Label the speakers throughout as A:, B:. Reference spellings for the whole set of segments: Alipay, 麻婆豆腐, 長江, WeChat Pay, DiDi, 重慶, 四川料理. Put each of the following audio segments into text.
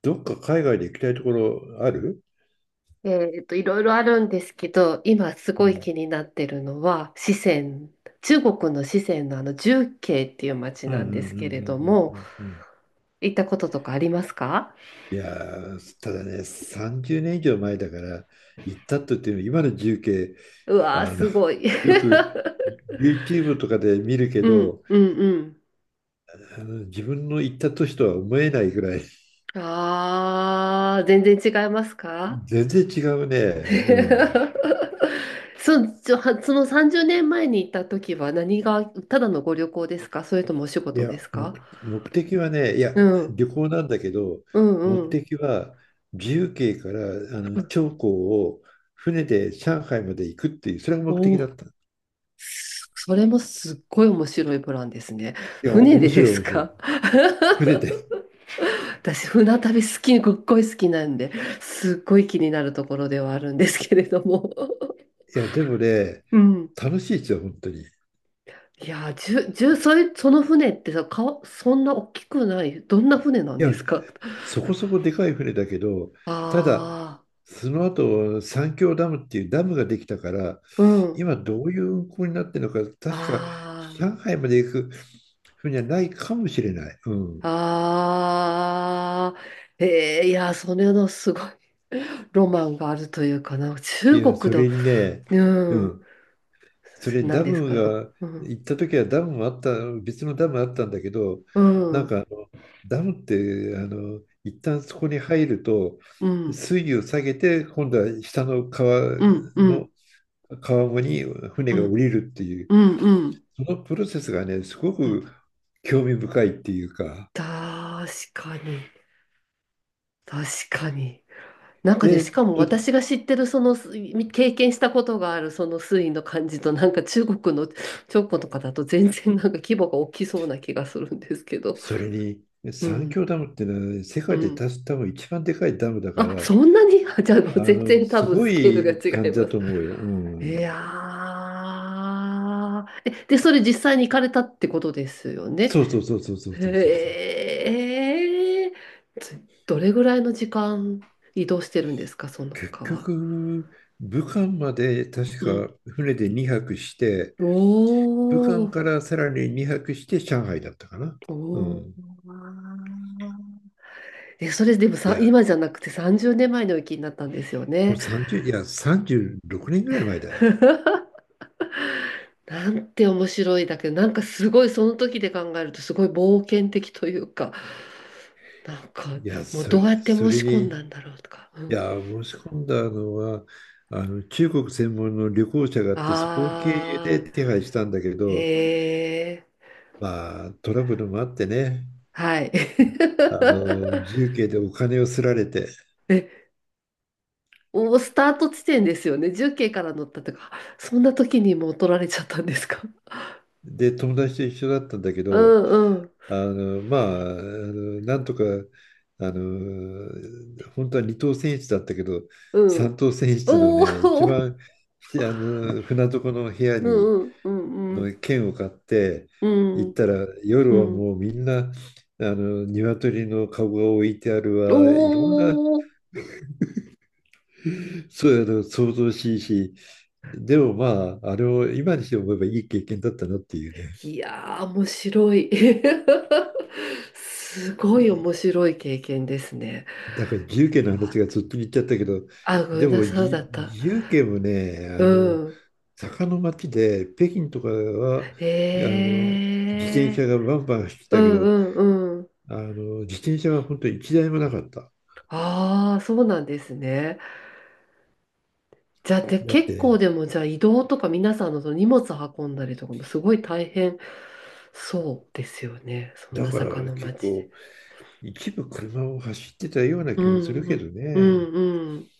A: どっか海外で行きたいところある？
B: いろいろあるんですけど、今す
A: う
B: ごい
A: ん
B: 気になってるのは、四川、中国の四川の重慶っていう町
A: うんうん
B: な
A: う
B: ん
A: んう
B: で
A: ん
B: すけれど
A: うんう
B: も、
A: んうん。
B: 行ったこととかありますか？
A: いやー、ただね、30年以上前だから、行ったとっていうの今の重慶。
B: う
A: あ
B: わー、
A: の、
B: すごい。
A: よく YouTube とかで見るけ
B: うん、
A: ど、
B: うん、うん。
A: 自分の行った年とは思えないぐらい、
B: あー、全然違いますか？
A: 全然違うね。うん。
B: そ、ちょはその30年前に行った時は何が、ただのご旅行ですか、それともお仕
A: い
B: 事
A: や、
B: ですか？
A: 目的はね、いや、
B: うん、
A: 旅行なんだけど、
B: う
A: 目
B: ん、うん。
A: 的は自由形から長江を船で上海まで行くっていう、それが目的だ
B: お、
A: った。い
B: それもすっごい面白いプランですね。
A: や、
B: 船
A: 面
B: でで
A: 白い、
B: す
A: 面白い。
B: か？
A: 船で。い
B: 私、船旅好き、すっごい好きなんで、すっごい気になるところではあるんですけれども。
A: や、でもね、
B: うん。
A: 楽しいですよ、本当に。い
B: いやー、じゅ、じゅ、それ、その船ってさ、そんな大きくない、どんな船なんで
A: や、
B: すか？
A: そこそこでかい船だけど、ただ、
B: あ
A: その後、三峡ダムっていうダムができたから、
B: あー、うん。
A: 今どういう運航になってるのか、確
B: あ
A: か上海まで行く船はないかもしれない。うん。
B: あ、ああ、えー、いやー、それのすごい ロマンがあるというかな。
A: い
B: 中
A: や、
B: 国
A: そ
B: の、
A: れにね、
B: う
A: う
B: ん。
A: ん、そ れ
B: 何
A: ダ
B: です
A: ム
B: か？
A: が、
B: うん、
A: 行った時はダムもあった、別のダムあったんだけど、
B: う
A: なん
B: ん、
A: かダムって一旦そこに入ると
B: うん、
A: 水位を下げて、今度は下の川
B: うん、うん、う
A: の川面に船が降
B: ん、
A: りるっていう、
B: うん、うん。
A: そのプロセスがねすご
B: うん、
A: く興味深いっていうか、
B: 確かに、確かに。なんかで、し
A: で
B: かも
A: と
B: 私が知ってる、経験したことがある、その水位の感じと、なんか中国の長江 とかだと全然なんか規模が大きそうな気がするんですけど。
A: それに
B: う
A: 三
B: ん、
A: 峡ダムっていうのは世
B: う
A: 界で多
B: ん。
A: 分一番でかいダムだか
B: あ、
A: ら、
B: そんなに？あ じゃあもう
A: あ
B: 全
A: の、
B: 然多
A: す
B: 分
A: ご
B: スケールが
A: い
B: 違
A: 感
B: い
A: じ
B: ま
A: だ
B: す。
A: と思うよ。う
B: い
A: ん。
B: やー。え、で、それ実際に行かれたってことですよね。
A: そうそうそうそうそうそうそうそう。
B: へえ、つ、どれぐらいの時間移動してるんですか、その
A: 結
B: 川。
A: 局、武漢まで確
B: うん。
A: か船で2泊して、武
B: お
A: 漢か
B: ー、
A: らさらに2泊して上海だったかな。
B: お
A: うん。
B: ー。え、それでも
A: い
B: さ、
A: や、
B: 今じゃなくて30年前の雪になったんですよ
A: もう
B: ね。
A: 30、いや、36年ぐらい前だよ。
B: なんて面白いだけど、なんかすごいその時で考えるとすごい冒険的というか、なんか
A: いや、
B: もうどうやって
A: そ
B: 申
A: れ
B: し込んだ
A: に、い
B: んだろうとか。うん、
A: や、申し込んだのは、あの、中国専門の旅行者があって、そこを経由で
B: あ
A: 手配したんだけ
B: あ、
A: ど、
B: へえ、
A: まあ、トラブルもあってね。
B: はい。
A: あの、自由形でお金をすられて、
B: え、お、スタート地点ですよね。重慶から乗ったとか、あ、そんな時にもう取られちゃったんですか。
A: で、友達と一緒だったんだけ
B: う
A: ど、
B: んうん
A: なんとか、あの、本当は二等選室だったけど、
B: う
A: 三
B: ん。
A: 等選室の
B: おお、
A: ね、一番、あの、船床の部屋
B: う
A: に
B: んうんうん
A: の券を買って、
B: うんう
A: 行っ
B: ん。
A: たら、
B: う
A: 夜は
B: ん、
A: もうみんな、あの、鶏の籠が置いてある
B: お
A: わ、いろんな
B: お、
A: そうだの想像しいし、でもまあ、あれを今にして思えばいい経験だったなっていうね。
B: いやー、面白い。すごい面
A: い
B: 白い経験ですね。
A: だから自由研
B: 国
A: の話
B: は、
A: がずっと言っちゃったけど、
B: あ、ごめ
A: で
B: んな
A: も
B: さい、そうだ
A: じ
B: った。
A: 自由研もね、
B: う
A: あの、
B: ん。
A: 坂の町で北京とかは、あ
B: え
A: の、自転車
B: え、
A: がバンバン走って
B: う
A: たけ
B: ん
A: ど、
B: うんうん。
A: あの、自転車は本当に一台もなかった。
B: ああ、そうなんですね。じゃあ、で、
A: だっ
B: 結構
A: て、
B: でも、じゃあ移動とか皆さんのその荷物運んだりとかもすごい大変そうですよね。そん
A: だ
B: な
A: か
B: 坂
A: ら
B: の
A: 結
B: 町で。
A: 構一部車を走ってたような
B: う
A: 気もする
B: んう
A: け
B: ん。
A: ど
B: う
A: ね。
B: んうん。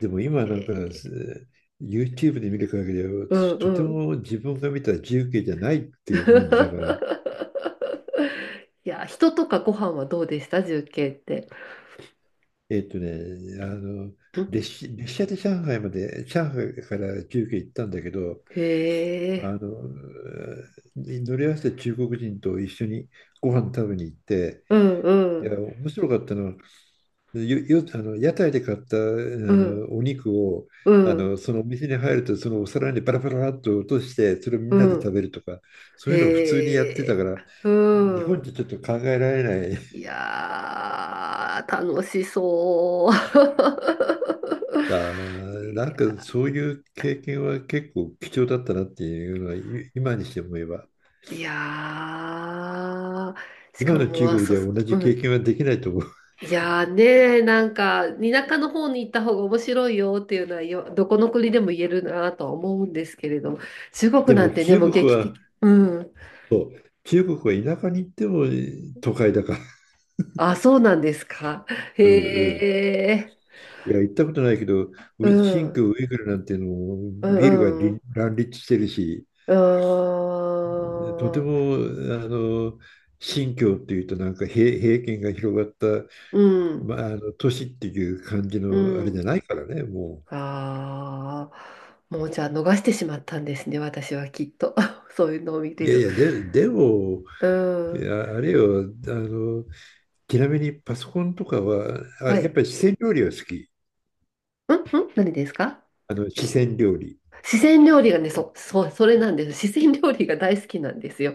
A: でも今
B: へ
A: なんか
B: ー、
A: YouTube で見る限りは、
B: うん
A: とて
B: うん。
A: も自分が見た自由形じゃないっていう感じだから、
B: いや、人とかご飯はどうでした、重慶って。
A: えっとね、あの、
B: うん、
A: 列車で上海まで、上海から自由形行ったんだけど、
B: へ
A: あ
B: え。
A: の、乗り合わせて中国人と一緒にご飯食べに行って、
B: うんう
A: いや
B: ん。
A: 面白かったのは、あの、屋台で買った、あ
B: うん
A: の、お肉を、
B: う
A: あ
B: ん。
A: の、そのお店に入ると、そのお皿にバラバラっと落として、それをみ
B: う
A: んなで
B: ん。
A: 食べるとか、そういうのを普通にや
B: へ
A: ってたか
B: え。
A: ら、
B: う
A: 日本
B: ん。
A: じゃちょっと考えられない。
B: いやー、楽しそ
A: だ、
B: う。
A: な
B: い
A: んか
B: や、
A: そういう経験は結構貴重だったなっていうのは、今にして思えば。
B: いやー、し
A: 今
B: か
A: の
B: も、
A: 中
B: あ、
A: 国
B: そう
A: で
B: そ
A: は同
B: う、
A: じ
B: う
A: 経
B: ん。
A: 験はできないと思う。
B: いやーね、なんか、田舎の方に行った方が面白いよっていうのはよ、どこの国でも言えるなとは思うんですけれども、中国
A: で
B: な
A: も
B: んてね、
A: 中
B: もう
A: 国
B: 劇
A: は、
B: 的。うん。
A: そう、中国は田舎に行っても都会だから。
B: あ、そうなんですか。へ
A: うんうん。
B: え、
A: いや、行ったことないけど、
B: うん、
A: 新
B: う
A: 疆ウイグルなんていうのも
B: ん、
A: ビルが
B: う
A: り
B: ん、
A: 乱立してるし、
B: う
A: とて
B: ーん、
A: も、あの、新疆っていうとなんか平権が広がった、
B: うん。
A: まあ、あの都市っていう感じ
B: う
A: のあれじゃ
B: ん、
A: ないからね、も
B: ああ、もうじゃあ逃してしまったんですね、私はきっと。そういうのを見
A: う。
B: て
A: いやい
B: る。
A: や、でも、
B: う
A: い
B: ん。
A: やあれよ、あの、ちなみにパソコンとかは、あ、
B: は
A: やっ
B: い。
A: ぱり四川料理は好き。
B: うんうん、何ですか？
A: あの、四川料理。
B: 四川料理がね、そ、そう、それなんです。四川料理が大好きなんですよ。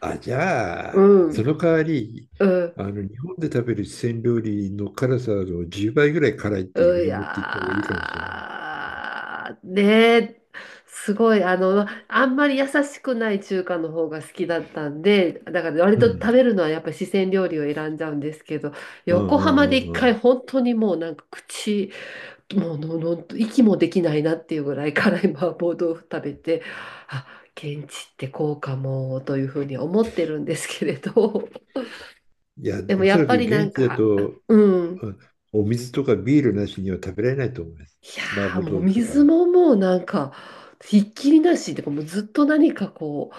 A: あ、じ ゃ
B: う
A: あ、そ
B: ん。
A: の代わり、
B: うん。
A: あの、日本で食べる四川料理の辛さの10倍ぐらい辛いっ
B: う、
A: ていうふうに思っていった方がいいかもしれない。
B: やー、ねえ、すごい、あんまり優しくない中華の方が好きだったんで、だから割
A: う
B: と
A: ん。
B: 食べるのはやっぱり四川料理を選んじゃうんですけど、
A: うん
B: 横
A: う
B: 浜で
A: ん
B: 一
A: うんう
B: 回
A: ん。
B: 本当にもうなんか口、もうのの息もできないなっていうぐらい辛い麻婆豆腐食べて、あ、現地ってこうかも、というふうに思ってるんですけれど、
A: いや、
B: でも
A: お
B: や
A: そ
B: っ
A: ら
B: ぱ
A: く
B: りなん
A: 現地だ
B: か、
A: と、
B: うん。
A: うん、お水とかビールなしには食べられないと思います。
B: いや
A: 麻
B: ー、
A: 婆
B: もう
A: 豆腐と
B: 水
A: か、
B: ももうなんか、ひっきりなし、でもうずっと何かこう、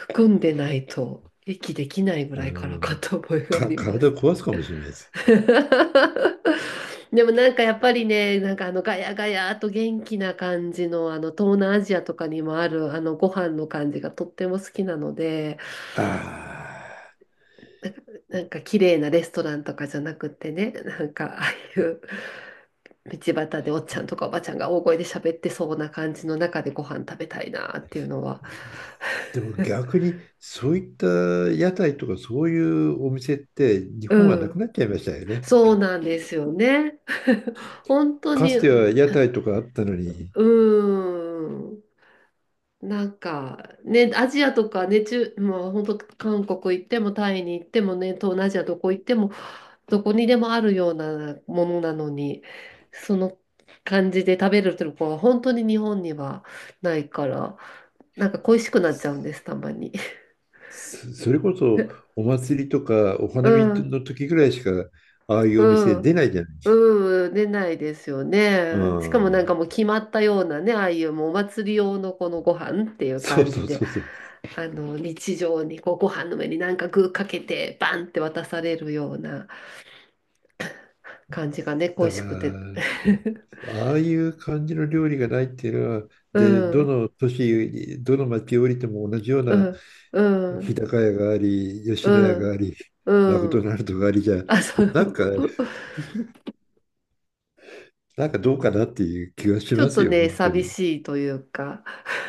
B: 含んでないと、息できないぐ
A: あ
B: らいからか
A: の、
B: と思いがありま
A: 体を
B: す。
A: 壊すかもしれないです。
B: でもなんかやっぱりね、なんかガヤガヤと元気な感じの、東南アジアとかにもあるご飯の感じがとっても好きなので、
A: ああ。
B: なんか綺麗なレストランとかじゃなくってね、なんかああいう。道端でおっちゃんとかおばちゃんが大声で喋ってそうな感じの中でご飯食べたいなっていうのは
A: でも 逆にそういった屋台とかそういうお店って日本
B: う
A: はなく
B: ん、
A: なっちゃいましたよね。
B: そうなんですよね。本当
A: か
B: に、
A: つては屋台とかあったのに、
B: うん。なんかね、アジアとかね、中、もう本当韓国行ってもタイに行ってもね、東南アジアどこ行ってもどこにでもあるようなものなのに、その感じで食べるとこは本当に日本にはないから、なんか恋しくなっちゃうんです、たまに。
A: それこそ お祭りとかお
B: う
A: 花見
B: ん。
A: の時ぐらいしか、ああいうお店
B: うん。
A: 出ないじゃない。
B: うん、出ないですよ
A: う
B: ね。しかもなん
A: ん。
B: かもう決まったようなね、ああいうもうお祭り用のこのご飯っていう
A: そう
B: 感
A: そ
B: じ
A: う
B: で、
A: そうそう。
B: 日常にこうご飯の上になんか具かけて、バンって渡されるような感じがね、恋
A: だか
B: しくて。
A: ら、ああいう感じの料理がないっていうのは、
B: う
A: で、ど
B: ん、
A: の都市、どの町降りても同じよう
B: う
A: な
B: ん、う
A: 日
B: ん、
A: 高屋があり、吉
B: う
A: 野家が
B: ん、
A: あり、マク
B: う
A: ド
B: ん。
A: ナルドがありじゃ、
B: あ、そう。
A: なんか、どうかなっていう気が し
B: ちょ
A: ま
B: っ
A: す
B: と
A: よ、
B: ね、
A: 本当
B: 寂
A: に。
B: しいというか、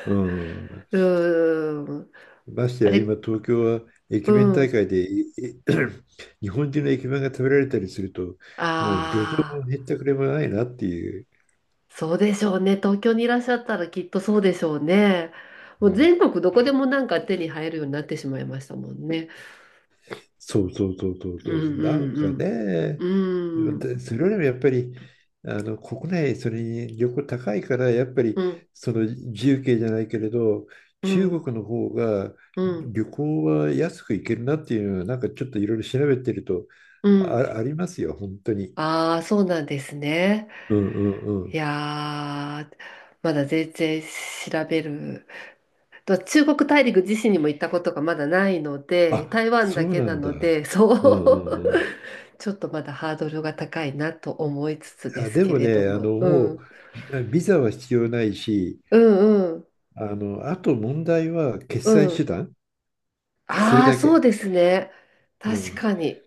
A: うん。
B: うん。
A: まして
B: あ
A: や、
B: れ、
A: 今、東京は
B: う
A: 駅弁大
B: ん。
A: 会でいい、 日本人の駅弁が食べられたりすると、もう旅情
B: あ
A: も
B: あ。
A: 減ったくれもないなっていう。
B: そうでしょうね。東京にいらっしゃったらきっとそうでしょうね。もう全国どこでもなんか手に入るようになってしまいましたもんね。
A: そうそうそうそう
B: う
A: そう。なんか
B: んうん
A: ね、
B: うん。うん
A: でそれよりもやっぱり、あの国内、それに旅行高いから、やっぱり
B: うん
A: その自由形じゃないけれど、中国の方が
B: うん
A: 旅行は安く行けるなっていうのは、なんかちょっといろいろ調べてると、
B: うん。
A: ありますよ、本当に。
B: ああー、そうなんですね。
A: うんう
B: い
A: ん。
B: やー、まだ全然調べる。と中国大陸自身にも行ったことがまだないので、
A: あ、
B: 台湾
A: そ
B: だ
A: う
B: け
A: な
B: な
A: んだ。
B: ので、そ
A: うんう
B: う、
A: んうん。
B: ちょっとまだハードルが高いなと思いつつで
A: あ、
B: す
A: で
B: け
A: も
B: れど
A: ね、あ
B: も。
A: の、
B: う
A: も
B: ん。
A: う、ビザは必要ないし、
B: うんうん
A: あの、あと問題は決
B: う
A: 済手
B: ん。
A: 段、それ
B: ああ、
A: だ
B: そう
A: け。
B: ですね。
A: う
B: 確
A: ん。
B: かに。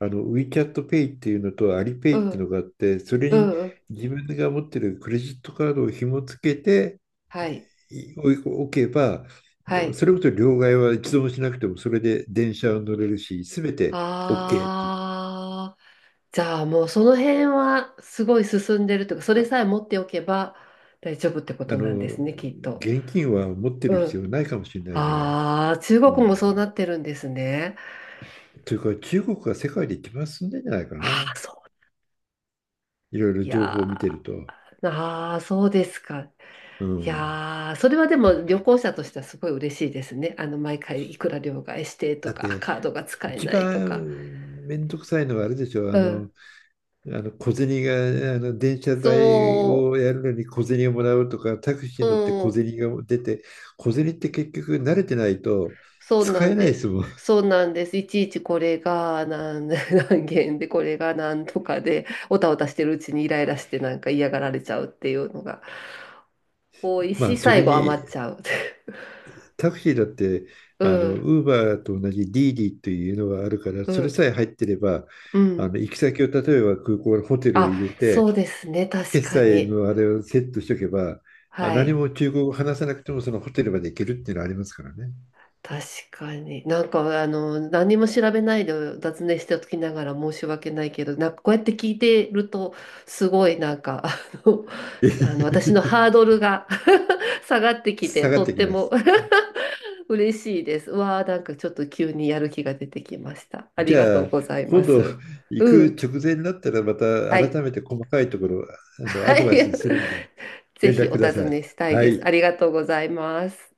A: あの、WeChatPay っていうのと
B: う
A: Alipay っていう
B: ん
A: のがあって、それ
B: う
A: に
B: んうん。
A: 自分が持ってるクレジットカードを紐付けて
B: はい。
A: いおおけば、
B: はい。
A: それこそ両替は一度もしなくても、それで電車を乗れるし、すべて OK っていう。
B: ああ、じゃあもうその辺はすごい進んでるというか、それさえ持っておけば大丈夫ってこ
A: あ
B: となんで
A: の、
B: すね、きっと。
A: 現金は持ってる
B: う
A: 必
B: ん。
A: 要ないかもしれないぐらい。
B: ああ、中
A: う
B: 国
A: ん。
B: もそうなってるんですね。
A: というか、中国が世界で一番進んでんじゃないか
B: あ
A: な。
B: あ、そう。
A: いろいろ
B: い
A: 情報を見て
B: や
A: ると。
B: ー、ああ、そうですか。
A: う
B: い
A: ん。
B: やー、それはでも旅行者としてはすごい嬉しいですね。毎回いくら両替してと
A: だっ
B: か、
A: て、
B: カードが使え
A: 一
B: ないと
A: 番
B: か。
A: めんどくさいのはあれでしょ。あ
B: うん。
A: の、あの小銭が、あの電車代
B: そ
A: をやるのに小銭をもらうとか、タク
B: う、
A: シーに乗って
B: そ
A: 小
B: う、
A: 銭が出て、小銭って結局慣れてないと
B: そうな
A: 使え
B: ん
A: ない
B: で
A: です
B: す。
A: もん。
B: そうなんです。いちいちこれが何、何件で、これが何とかで、おたおたしてるうちにイライラしてなんか嫌がられちゃうっていうのが多い
A: ま
B: し、
A: あ、それ
B: 最後
A: に
B: 余っちゃう。
A: タクシーだって、
B: う
A: あの、
B: ん、
A: ウーバーと同じディーディというのがあるから、
B: う
A: それ
B: ん、
A: さえ入ってれば、
B: う
A: あ
B: ん。
A: の、行き先を例えば空港のホテルを
B: あ、
A: 入れ
B: そ
A: て、
B: うですね。確
A: 決
B: か
A: 済
B: に。
A: のあれをセットしとけば、
B: は
A: 何
B: い。
A: も中国語を話さなくてもそのホテルまで行けるっていうのはありますからね。
B: 確かに。なんか、何も調べないで雑念しておきながら申し訳ないけど、なんかこうやって聞いてると、すごいなんか、あの私の ハードルが 下がってきて、
A: 下がっ
B: とっ
A: てき
B: て
A: まし
B: も
A: た。
B: 嬉しいです。うわあ、なんかちょっと急にやる気が出てきました。あり
A: じ
B: がと
A: ゃ
B: う
A: あ、
B: ございま
A: 今度
B: す。
A: 行
B: う
A: く
B: ん。
A: 直前になったらまた
B: は
A: 改
B: い。
A: めて細かいところ、あの、ア
B: は
A: ド
B: い。
A: バイスするんで
B: ぜ
A: 連
B: ひ
A: 絡
B: お
A: くだ
B: 尋
A: さい。
B: ねしたい
A: は
B: です。あ
A: い。
B: りがとうございます。